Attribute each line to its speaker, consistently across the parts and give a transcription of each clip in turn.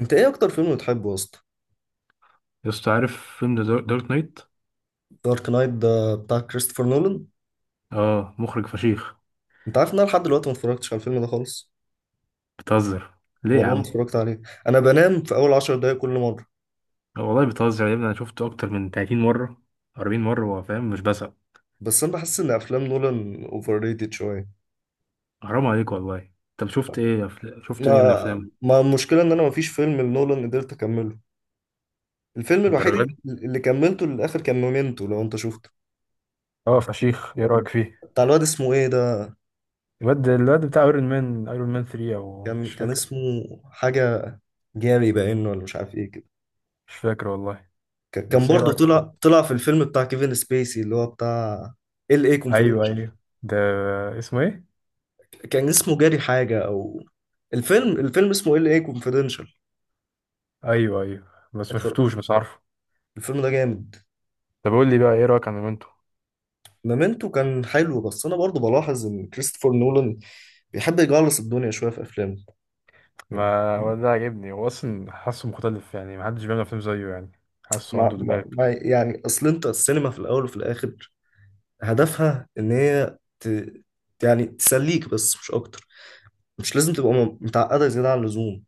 Speaker 1: انت ايه اكتر فيلم بتحبه يا اسطى؟
Speaker 2: يا اسطى عارف فيلم ذا دارك نايت.
Speaker 1: دارك نايت ده بتاع كريستوفر نولان.
Speaker 2: اه مخرج فشيخ.
Speaker 1: انت عارف ان انا لحد دلوقتي ما اتفرجتش على الفيلم ده خالص.
Speaker 2: بتهزر؟ ليه يا
Speaker 1: والله ما
Speaker 2: عم؟
Speaker 1: اتفرجت عليه. انا بنام في اول 10 دقايق كل مره.
Speaker 2: آه والله بتهزر يا ابني، انا شفته اكتر من 30 مره، 40 مره. هو فاهم مش بسق.
Speaker 1: بس انا بحس ان افلام نولان اوفر ريتد شويه.
Speaker 2: حرام عليك والله. طب شفت ايه شفت
Speaker 1: ما
Speaker 2: ايه من افلام
Speaker 1: ما المشكله ان انا ما فيش فيلم لنولان قدرت اكمله. الفيلم
Speaker 2: الدرجه
Speaker 1: الوحيد
Speaker 2: دي؟
Speaker 1: اللي كملته للاخر كان مومنتو لو انت شفته.
Speaker 2: اه فشيخ. ايه رايك فيه؟
Speaker 1: بتاع الواد اسمه ايه ده؟
Speaker 2: الواد بتاع ايرون مان، ايرون مان 3 او
Speaker 1: كان
Speaker 2: مش
Speaker 1: كان
Speaker 2: فاكر.
Speaker 1: اسمه حاجه، جاري باين ولا مش عارف ايه كده.
Speaker 2: مش فاكر والله.
Speaker 1: كان
Speaker 2: بس ايه
Speaker 1: برضه
Speaker 2: رايك فيه؟
Speaker 1: طلع في الفيلم بتاع كيفن سبيسي اللي هو بتاع ال اي.
Speaker 2: ايوه ايوه، ده اسمه ايه؟
Speaker 1: كان اسمه جاري حاجة أو... الفيلم اسمه LA Confidential.
Speaker 2: ايوه ايوه بس ما
Speaker 1: اتفرج،
Speaker 2: شفتوش، بس عارفه.
Speaker 1: الفيلم ده جامد.
Speaker 2: طب قول لي بقى ايه رايك عن مومنتو؟
Speaker 1: مومنتو كان حلو، بس أنا برضو بلاحظ إن كريستوفر نولان بيحب يجعلص الدنيا شوية في أفلامه يعني.
Speaker 2: ما هو ده عاجبني، هو اصلا حاسه مختلف يعني، ما حدش بيعمل افلام زيه يعني. حاسه
Speaker 1: ما
Speaker 2: عنده
Speaker 1: ما
Speaker 2: دماغ
Speaker 1: ما
Speaker 2: كده.
Speaker 1: يعني، أصل أنت السينما في الأول وفي الآخر هدفها إن هي يعني تسليك بس مش أكتر. مش لازم تبقى متعقدة زيادة عن اللزوم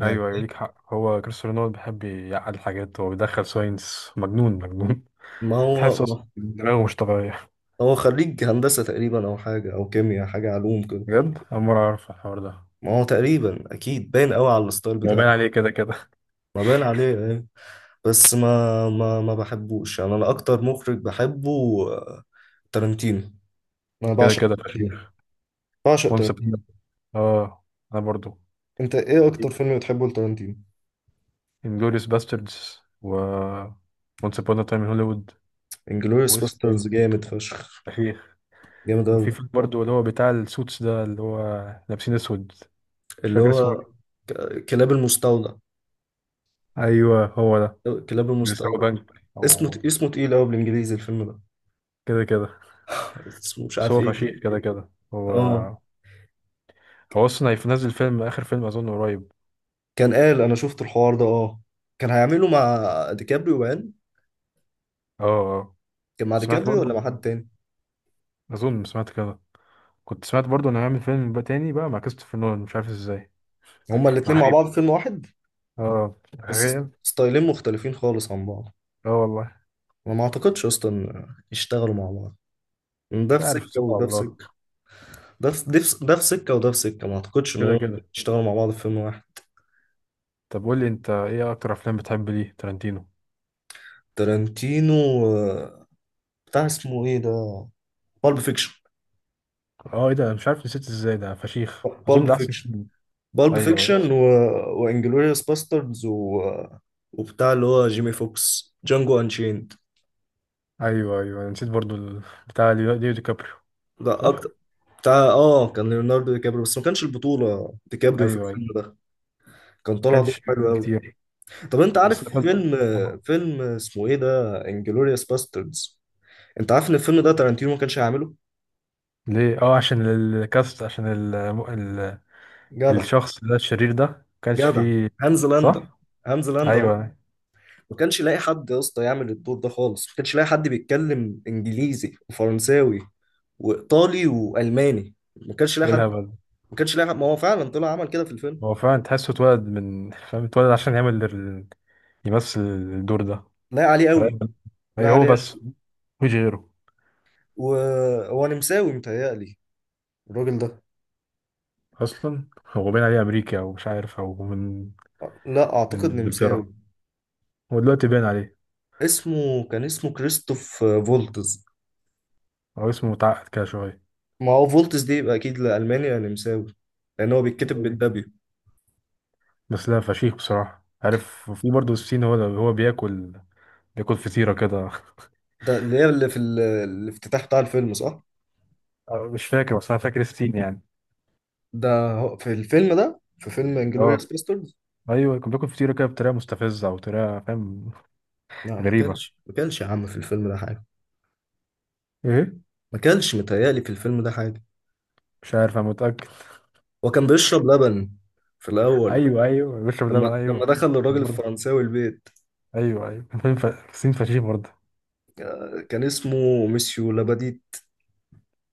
Speaker 1: يعني.
Speaker 2: ايوه، ليك حق. هو كريستيانو رونالدو بيحب يعقد حاجات، هو بيدخل ساينس، مجنون مجنون.
Speaker 1: ما هو
Speaker 2: تحس اصلا
Speaker 1: ما
Speaker 2: دماغه مش طبيعيه.
Speaker 1: هو خريج هندسة تقريبا، أو حاجة أو كيمياء، حاجة علوم كده.
Speaker 2: بجد اول مره اعرف الحوار ده.
Speaker 1: ما هو تقريبا اكيد باين قوي على الستايل
Speaker 2: هو باين
Speaker 1: بتاعه.
Speaker 2: عليه كده كده.
Speaker 1: ما باين عليه ايه. بس ما بحبوش يعني. انا اكتر مخرج بحبه آه، تارانتينو. انا
Speaker 2: كده
Speaker 1: بعشق
Speaker 2: كده
Speaker 1: تارانتينو.
Speaker 2: فشيخ.
Speaker 1: بعشق
Speaker 2: وانس.
Speaker 1: تارانتينو.
Speaker 2: اه انا برضو.
Speaker 1: انت ايه اكتر فيلم بتحبه لتارانتينو؟
Speaker 2: انجلوريوس باستردز و وانس ابون تايم ان هوليوود.
Speaker 1: انجلوريوس
Speaker 2: واسمه
Speaker 1: باسترز
Speaker 2: ايه؟
Speaker 1: جامد فشخ.
Speaker 2: فشيخ.
Speaker 1: جامد قوي.
Speaker 2: وفي فيلم برضو اللي هو بتاع السوتس ده، اللي هو لابسين اسود، مش
Speaker 1: اللي
Speaker 2: فاكر اسمه.
Speaker 1: هو كلاب المستودع.
Speaker 2: ايوه هو ده.
Speaker 1: كلاب
Speaker 2: بيسرقوا
Speaker 1: المستودع.
Speaker 2: بنك
Speaker 1: اسمه
Speaker 2: او
Speaker 1: اسمه تقيل قوي بالانجليزي الفيلم ده.
Speaker 2: كده كده.
Speaker 1: اسمه مش
Speaker 2: بس
Speaker 1: عارف
Speaker 2: هو
Speaker 1: ايه كده.
Speaker 2: فشيخ كده كده هو.
Speaker 1: اه،
Speaker 2: هو اصلا هينزل فيلم، اخر فيلم اظن قريب.
Speaker 1: كان قال انا شفت الحوار ده، اه. كان هيعمله مع ديكابريو باين.
Speaker 2: اه اه.
Speaker 1: كان مع
Speaker 2: سمعت
Speaker 1: ديكابريو
Speaker 2: برضو،
Speaker 1: ولا مع حد تاني؟
Speaker 2: اظن سمعت كده. كنت سمعت برضو انه هيعمل فيلم بقى تاني بقى مع كريستوفر نولان، مش عارف ازاي.
Speaker 1: هما
Speaker 2: مع
Speaker 1: الاتنين مع
Speaker 2: حبيبي.
Speaker 1: بعض فيلم واحد؟
Speaker 2: اه
Speaker 1: بس
Speaker 2: تخيل.
Speaker 1: ستايلين مختلفين خالص عن بعض.
Speaker 2: اه والله.
Speaker 1: انا ما اعتقدش اصلا إن يشتغلوا مع بعض. إن ده
Speaker 2: مش
Speaker 1: في
Speaker 2: عارف،
Speaker 1: سكة
Speaker 2: سبحان
Speaker 1: وده في
Speaker 2: الله.
Speaker 1: سكة. ده في سكة وده في سكة، ما اعتقدش ان
Speaker 2: كده
Speaker 1: هم
Speaker 2: كده.
Speaker 1: يشتغلوا مع بعض في فيلم واحد.
Speaker 2: طب قول لي، انت ايه اكتر افلام بتحب ليه تارانتينو؟
Speaker 1: تارانتينو آه، بتاع اسمه ايه ده؟ بالب فيكشن.
Speaker 2: اه ايه ده، أنا مش عارف نسيت ازاي ده فشيخ، اظن
Speaker 1: بالب
Speaker 2: ده احسن
Speaker 1: فيكشن
Speaker 2: فيلم.
Speaker 1: بالب
Speaker 2: ايوه
Speaker 1: فيكشن و... وانجلوريوس باستردز وبتاع اللي هو جيمي فوكس، جانجو انشيند.
Speaker 2: ايوه. ايوه أنا نسيت برضو بتاع ليو دي كابريو.
Speaker 1: ده اكتر.
Speaker 2: صح.
Speaker 1: بتاع كان ليوناردو دي كابريو، بس ما كانش البطولة دي كابريو في
Speaker 2: ايوه ايوه.
Speaker 1: الفيلم ده. كان
Speaker 2: ما
Speaker 1: طالع دور
Speaker 2: كانش
Speaker 1: حلو
Speaker 2: اعلان
Speaker 1: قوي.
Speaker 2: كتير.
Speaker 1: طب انت
Speaker 2: بس
Speaker 1: عارف
Speaker 2: لقد.
Speaker 1: فيلم، اسمه ايه ده، انجلوريوس باستردز؟ انت عارف ان الفيلم ده تارانتينو ما كانش هيعمله؟
Speaker 2: ليه؟ اه عشان الكاست، عشان ال...
Speaker 1: جدع.
Speaker 2: الشخص ده، الشرير ده، ما كانش
Speaker 1: جدع
Speaker 2: فيه.
Speaker 1: هانز لاندا.
Speaker 2: صح.
Speaker 1: هانز لاندا أهو.
Speaker 2: ايوه أيوه.
Speaker 1: ما كانش لاقي حد يا اسطى يعمل الدور ده خالص، ما كانش لاقي حد بيتكلم انجليزي وفرنساوي وايطالي والماني. ما كانش لاقي
Speaker 2: ايه
Speaker 1: حد،
Speaker 2: الهبل ده؟
Speaker 1: ما كانش لاقي حد، ما هو فعلا طلع عمل كده في الفيلم.
Speaker 2: هو فعلا تحسه اتولد من فاهم، اتولد عشان يعمل يمثل الدور ده.
Speaker 1: لاقي عليه
Speaker 2: رايق.
Speaker 1: قوي.
Speaker 2: اي
Speaker 1: لاقي
Speaker 2: هو
Speaker 1: عليه
Speaker 2: بس،
Speaker 1: قوي.
Speaker 2: مفيش غيره.
Speaker 1: وهو نمساوي متهيألي الراجل ده،
Speaker 2: اصلا هو باين عليه امريكا او مش عارف، او من
Speaker 1: لا
Speaker 2: من
Speaker 1: اعتقد نمساوي.
Speaker 2: انجلترا. هو دلوقتي باين عليه.
Speaker 1: كان اسمه كريستوف فولتز.
Speaker 2: هو اسمه متعقد كده شويه.
Speaker 1: ما هو فولتز دي يبقى اكيد لالماني أو نمساوي، لان هو بيتكتب بالدبليو.
Speaker 2: بس لا فشيخ، بصراحة عارف في برضه الصين؟ هو بياكل، بياكل فطيرة كده.
Speaker 1: ده اللي هي اللي في الافتتاح بتاع الفيلم، صح؟
Speaker 2: أه، مش فاكر بس أنا فاكر الصين يعني.
Speaker 1: في الفيلم ده، في فيلم
Speaker 2: اه
Speaker 1: انجلوريوس باستردز.
Speaker 2: أيوه، كان بياكل فطيرة كده بطريقة مستفزة، أو طريقة فاهم.
Speaker 1: لا ما
Speaker 2: غريبة.
Speaker 1: كانش ما كانش يا عم في الفيلم ده حاجه.
Speaker 2: إيه.
Speaker 1: ما كانش متهيألي في الفيلم ده حاجه.
Speaker 2: مش عارف أنا متأكد.
Speaker 1: هو كان بيشرب لبن في الاول،
Speaker 2: أيوه أيوه، بيشرب لبن
Speaker 1: لما
Speaker 2: أيوه.
Speaker 1: دخل الراجل
Speaker 2: برضه.
Speaker 1: الفرنساوي البيت.
Speaker 2: أيوه أيوه. فاهم الصين فشيخ برضه.
Speaker 1: كان اسمه ميسيو لاباديت.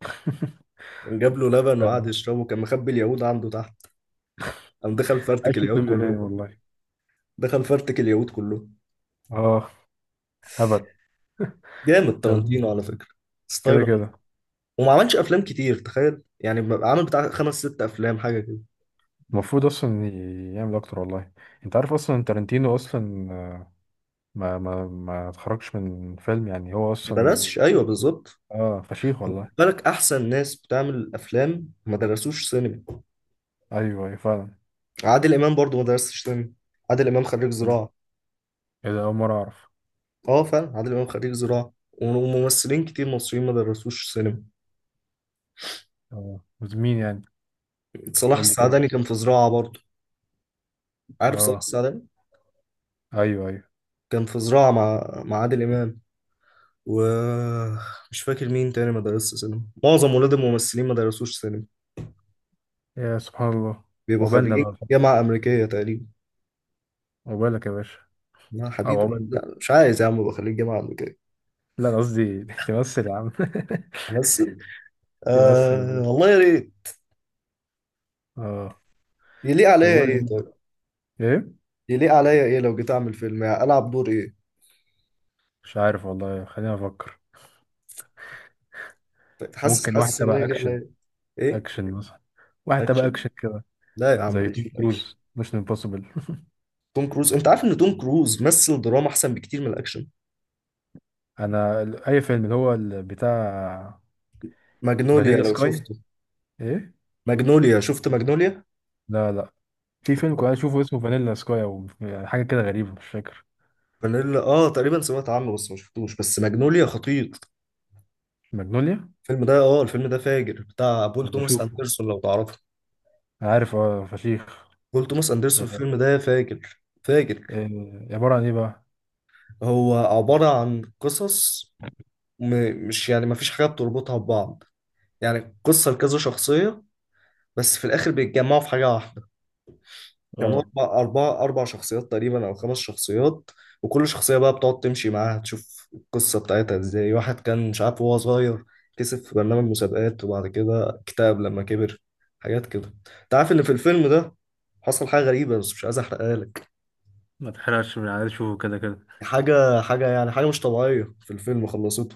Speaker 1: كان جاب له لبن وقعد
Speaker 2: آه.
Speaker 1: يشربه، كان مخبي اليهود عنده تحت. قام دخل
Speaker 2: عايش
Speaker 1: فرتك
Speaker 2: في
Speaker 1: اليهود
Speaker 2: فيلم تاني
Speaker 1: كلهم.
Speaker 2: والله.
Speaker 1: دخل فرتك اليهود كله.
Speaker 2: اه. هبل.
Speaker 1: جامد
Speaker 2: طب.
Speaker 1: تارانتينو على فكرة،
Speaker 2: كده
Speaker 1: ستايله.
Speaker 2: كده.
Speaker 1: وما عملش افلام كتير تخيل، يعني عامل بتاع خمس ست افلام حاجة كده.
Speaker 2: المفروض اصلا يعمل اكتر والله. انت عارف اصلا تارانتينو اصلا ما اتخرجش من فيلم يعني، هو
Speaker 1: ما
Speaker 2: اصلا.
Speaker 1: درسش، ايوه بالظبط.
Speaker 2: اه فشيخ
Speaker 1: خد
Speaker 2: والله.
Speaker 1: بالك، احسن ناس بتعمل افلام ما درسوش سينما.
Speaker 2: ايوه ايوه فعلا.
Speaker 1: عادل امام برضو ما درسش سينما. عادل امام خريج زراعة.
Speaker 2: ايه ده، اول مره اعرف.
Speaker 1: اه فعلا، عادل امام خريج زراعة. وممثلين كتير مصريين ما درسوش سينما.
Speaker 2: اه. مين يعني؟
Speaker 1: صلاح
Speaker 2: قول لي كده.
Speaker 1: السعداني كان في زراعة برضو. عارف صلاح
Speaker 2: اه.
Speaker 1: السعداني؟
Speaker 2: ايوه ايوه.
Speaker 1: كان في زراعة مع عادل امام. ومش فاكر مين تاني ما درسش سينما. معظم ولاد الممثلين ما درسوش سينما،
Speaker 2: يا سبحان الله.
Speaker 1: بيبقوا
Speaker 2: عقبالنا
Speaker 1: خريجين
Speaker 2: بقى.
Speaker 1: جامعة أمريكية تقريبا.
Speaker 2: عقبالك يا باشا.
Speaker 1: لا
Speaker 2: او
Speaker 1: حبيبي،
Speaker 2: عقبال.
Speaker 1: لا، مش عايز يا عم أبقى خريج جامعة أمريكية.
Speaker 2: لا أنا قصدي، تمثل يا عم.
Speaker 1: أمثل؟
Speaker 2: تمثل يا
Speaker 1: آه
Speaker 2: عم.
Speaker 1: والله يا ريت.
Speaker 2: اه.
Speaker 1: يليق
Speaker 2: طب قول
Speaker 1: عليا إيه
Speaker 2: لي
Speaker 1: طيب؟
Speaker 2: ايه.
Speaker 1: يليق عليا إيه لو جيت أعمل فيلم، يعني ألعب دور إيه؟
Speaker 2: مش عارف والله، خليني افكر.
Speaker 1: طيب، حاسس
Speaker 2: ممكن واحد
Speaker 1: حاسس إن أنا
Speaker 2: تبع
Speaker 1: يليق
Speaker 2: اكشن.
Speaker 1: عليا إيه.
Speaker 2: اكشن مثلا، واحد تبع
Speaker 1: أكشن؟
Speaker 2: اكشن كده.
Speaker 1: لا يا عم
Speaker 2: زي
Speaker 1: ماليش
Speaker 2: توم
Speaker 1: في الأكشن.
Speaker 2: كروز، مش امبوسيبل.
Speaker 1: توم كروز، أنت عارف إن توم كروز مثل دراما أحسن بكتير من الأكشن.
Speaker 2: انا اي فيلم اللي هو بتاع
Speaker 1: ماجنوليا
Speaker 2: فانيلا
Speaker 1: لو
Speaker 2: سكاي.
Speaker 1: شفته.
Speaker 2: ايه.
Speaker 1: ماجنوليا، شفت ماجنوليا؟
Speaker 2: لا لا، في فيلم كنت اشوفه اسمه فانيلا سكاي، او حاجه كده غريبه، مش فاكر.
Speaker 1: فانيلا، تقريبا سمعت عنه بس ما شفتوش، بس ماجنوليا خطير.
Speaker 2: ماجنوليا.
Speaker 1: الفيلم ده، الفيلم ده فاجر، بتاع بول
Speaker 2: انا
Speaker 1: توماس
Speaker 2: بشوفه،
Speaker 1: اندرسون لو تعرفه.
Speaker 2: انا عارف اه فشيخ.
Speaker 1: بول توماس اندرسون،
Speaker 2: إيه.
Speaker 1: الفيلم ده فاجر فاجر.
Speaker 2: إيه عباره عن ايه بقى؟
Speaker 1: هو عبارة عن قصص، م... مش يعني، ما فيش حاجة بتربطها ببعض. يعني قصة لكذا شخصية، بس في الآخر بيتجمعوا في حاجة واحدة. كانوا
Speaker 2: اه.
Speaker 1: أربع شخصيات تقريبا أو خمس شخصيات. وكل شخصية بقى بتقعد تمشي معاها، تشوف القصة بتاعتها إزاي. واحد كان مش عارف وهو صغير، كسب في برنامج مسابقات وبعد كده اكتئب لما كبر، حاجات كده. أنت عارف إن في الفيلم ده حصل حاجة غريبة، بس مش عايز أحرقها لك.
Speaker 2: ما تحرقش، من عايز اشوفه كده كده.
Speaker 1: حاجة يعني، حاجة مش طبيعية في الفيلم خلصته.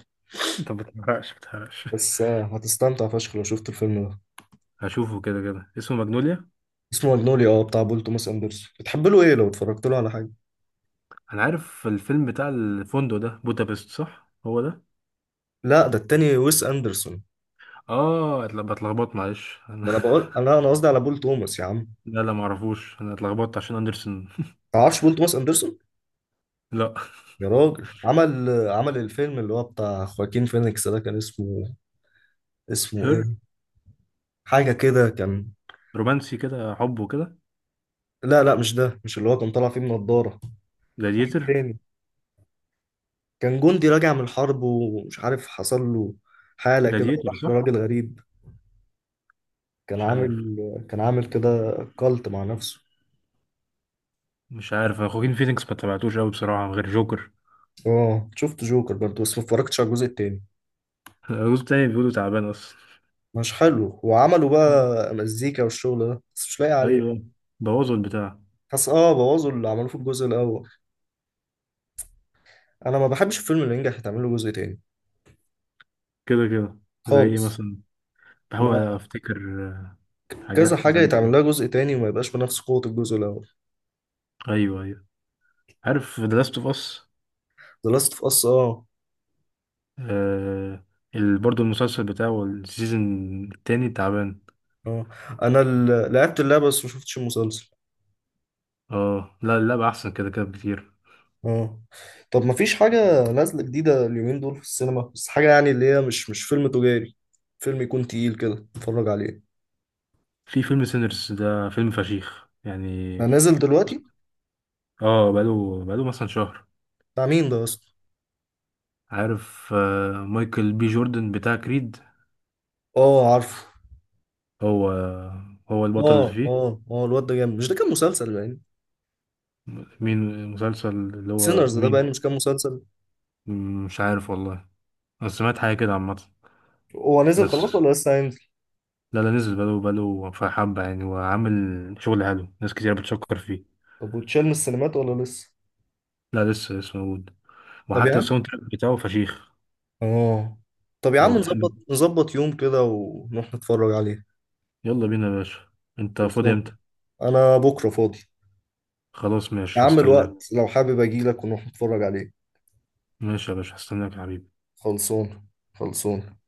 Speaker 2: انت ما بتحرقش ما بتحرقش.
Speaker 1: بس هتستمتع فشخ لو شفت الفيلم ده.
Speaker 2: هشوفه كده كده اسمه ماجنوليا.
Speaker 1: اسمه ماجنوليا، بتاع بول توماس اندرسون. بتحب له ايه لو اتفرجت له على حاجة؟
Speaker 2: انا عارف الفيلم بتاع الفندق ده بودابست، صح هو ده؟
Speaker 1: لا ده التاني، ويس اندرسون.
Speaker 2: اه بتلخبط، معلش انا.
Speaker 1: ما انا بقول، انا قصدي على بول توماس يا عم.
Speaker 2: لا لا ما اعرفوش، انا اتلخبطت عشان اندرسون.
Speaker 1: تعرفش بول توماس اندرسون؟
Speaker 2: لا.
Speaker 1: يا راجل، عمل الفيلم اللي هو بتاع خواكين فينيكس ده. كان اسمه
Speaker 2: هير.
Speaker 1: ايه، حاجه كده كان.
Speaker 2: رومانسي كده، حب وكده.
Speaker 1: لا، لا، مش ده، مش اللي هو كان طالع فيه من نضاره.
Speaker 2: جلاديتر.
Speaker 1: تاني، كان جندي راجع من الحرب ومش عارف حصل له حاله كده،
Speaker 2: جلاديتر
Speaker 1: وراح
Speaker 2: صح.
Speaker 1: لراجل غريب. كان
Speaker 2: مش عارف.
Speaker 1: عامل كان عامل كده، كالت مع نفسه.
Speaker 2: مش عارف أنا خواكين فينيكس ما تابعتوش قوي بصراحة، غير جوكر.
Speaker 1: اه شفت جوكر برضه، بس ما اتفرجتش على الجزء التاني.
Speaker 2: الجزء التاني بيقولوا تعبان أصلا.
Speaker 1: مش حلو، وعملوا بقى مزيكا والشغل ده، بس مش لاقي عليه.
Speaker 2: أيوه. بوظوا البتاع.
Speaker 1: حس، بوظوا اللي عملوه في الجزء الاول. انا ما بحبش الفيلم اللي ينجح يتعمل له جزء تاني
Speaker 2: كده كده. زي إيه
Speaker 1: خالص.
Speaker 2: مثلا؟ بحاول
Speaker 1: ما
Speaker 2: أفتكر. آه.
Speaker 1: كذا
Speaker 2: حاجات
Speaker 1: حاجه
Speaker 2: زي.
Speaker 1: يتعمل لها جزء تاني وما يبقاش بنفس قوه الجزء الاول.
Speaker 2: أيوه أيوه، عارف ذا لاست أوف أس؟
Speaker 1: The Last of Us، اه.
Speaker 2: برضه المسلسل بتاعه السيزون التاني تعبان.
Speaker 1: اه. انا لعبت اللعبه بس ما شفتش المسلسل.
Speaker 2: اه. لا اللعبة أحسن كده كده بكتير.
Speaker 1: اه. طب ما فيش حاجه نازله جديده اليومين دول في السينما، بس حاجه يعني اللي هي مش فيلم تجاري، فيلم يكون تقيل كده اتفرج عليه.
Speaker 2: في فيلم سينرز، ده فيلم فشيخ يعني.
Speaker 1: انا نازل دلوقتي.
Speaker 2: اه بقاله مثلا شهر.
Speaker 1: بتاع مين ده اصلا؟
Speaker 2: عارف آه، مايكل بي جوردن بتاع كريد.
Speaker 1: اه عارفه.
Speaker 2: هو هو البطل اللي
Speaker 1: اه
Speaker 2: فيه.
Speaker 1: اه اه، الواد ده جامد. مش ده كان مسلسل يعني؟
Speaker 2: مين المسلسل، اللي هو
Speaker 1: سينرز ده بقى
Speaker 2: مين؟
Speaker 1: مش كان مسلسل؟
Speaker 2: مم، مش عارف والله. بس سمعت حاجة كده عامة.
Speaker 1: هو نزل
Speaker 2: بس.
Speaker 1: خلاص ولا لسه هينزل؟
Speaker 2: لا لا نزل، بقاله في حبة يعني، وعامل شغل حلو، ناس كتير بتشكر فيه.
Speaker 1: طب وتشال من السينمات ولا لسه؟
Speaker 2: لا لسه، لسه موجود.
Speaker 1: طب يا
Speaker 2: وحتى
Speaker 1: عم،
Speaker 2: الساوند تراك بتاعه فشيخ.
Speaker 1: اه
Speaker 2: لو بتحب،
Speaker 1: نظبط يوم كده ونروح نتفرج عليه.
Speaker 2: يلا بينا يا باشا. انت فاضي
Speaker 1: خلصان.
Speaker 2: امتى؟
Speaker 1: انا بكره فاضي.
Speaker 2: خلاص
Speaker 1: يا
Speaker 2: ماشي،
Speaker 1: عم
Speaker 2: هستناك.
Speaker 1: الوقت لو حابب اجي لك ونروح نتفرج عليه.
Speaker 2: ماشي يا باشا، هستناك يا حبيبي.
Speaker 1: خلصان خلصان.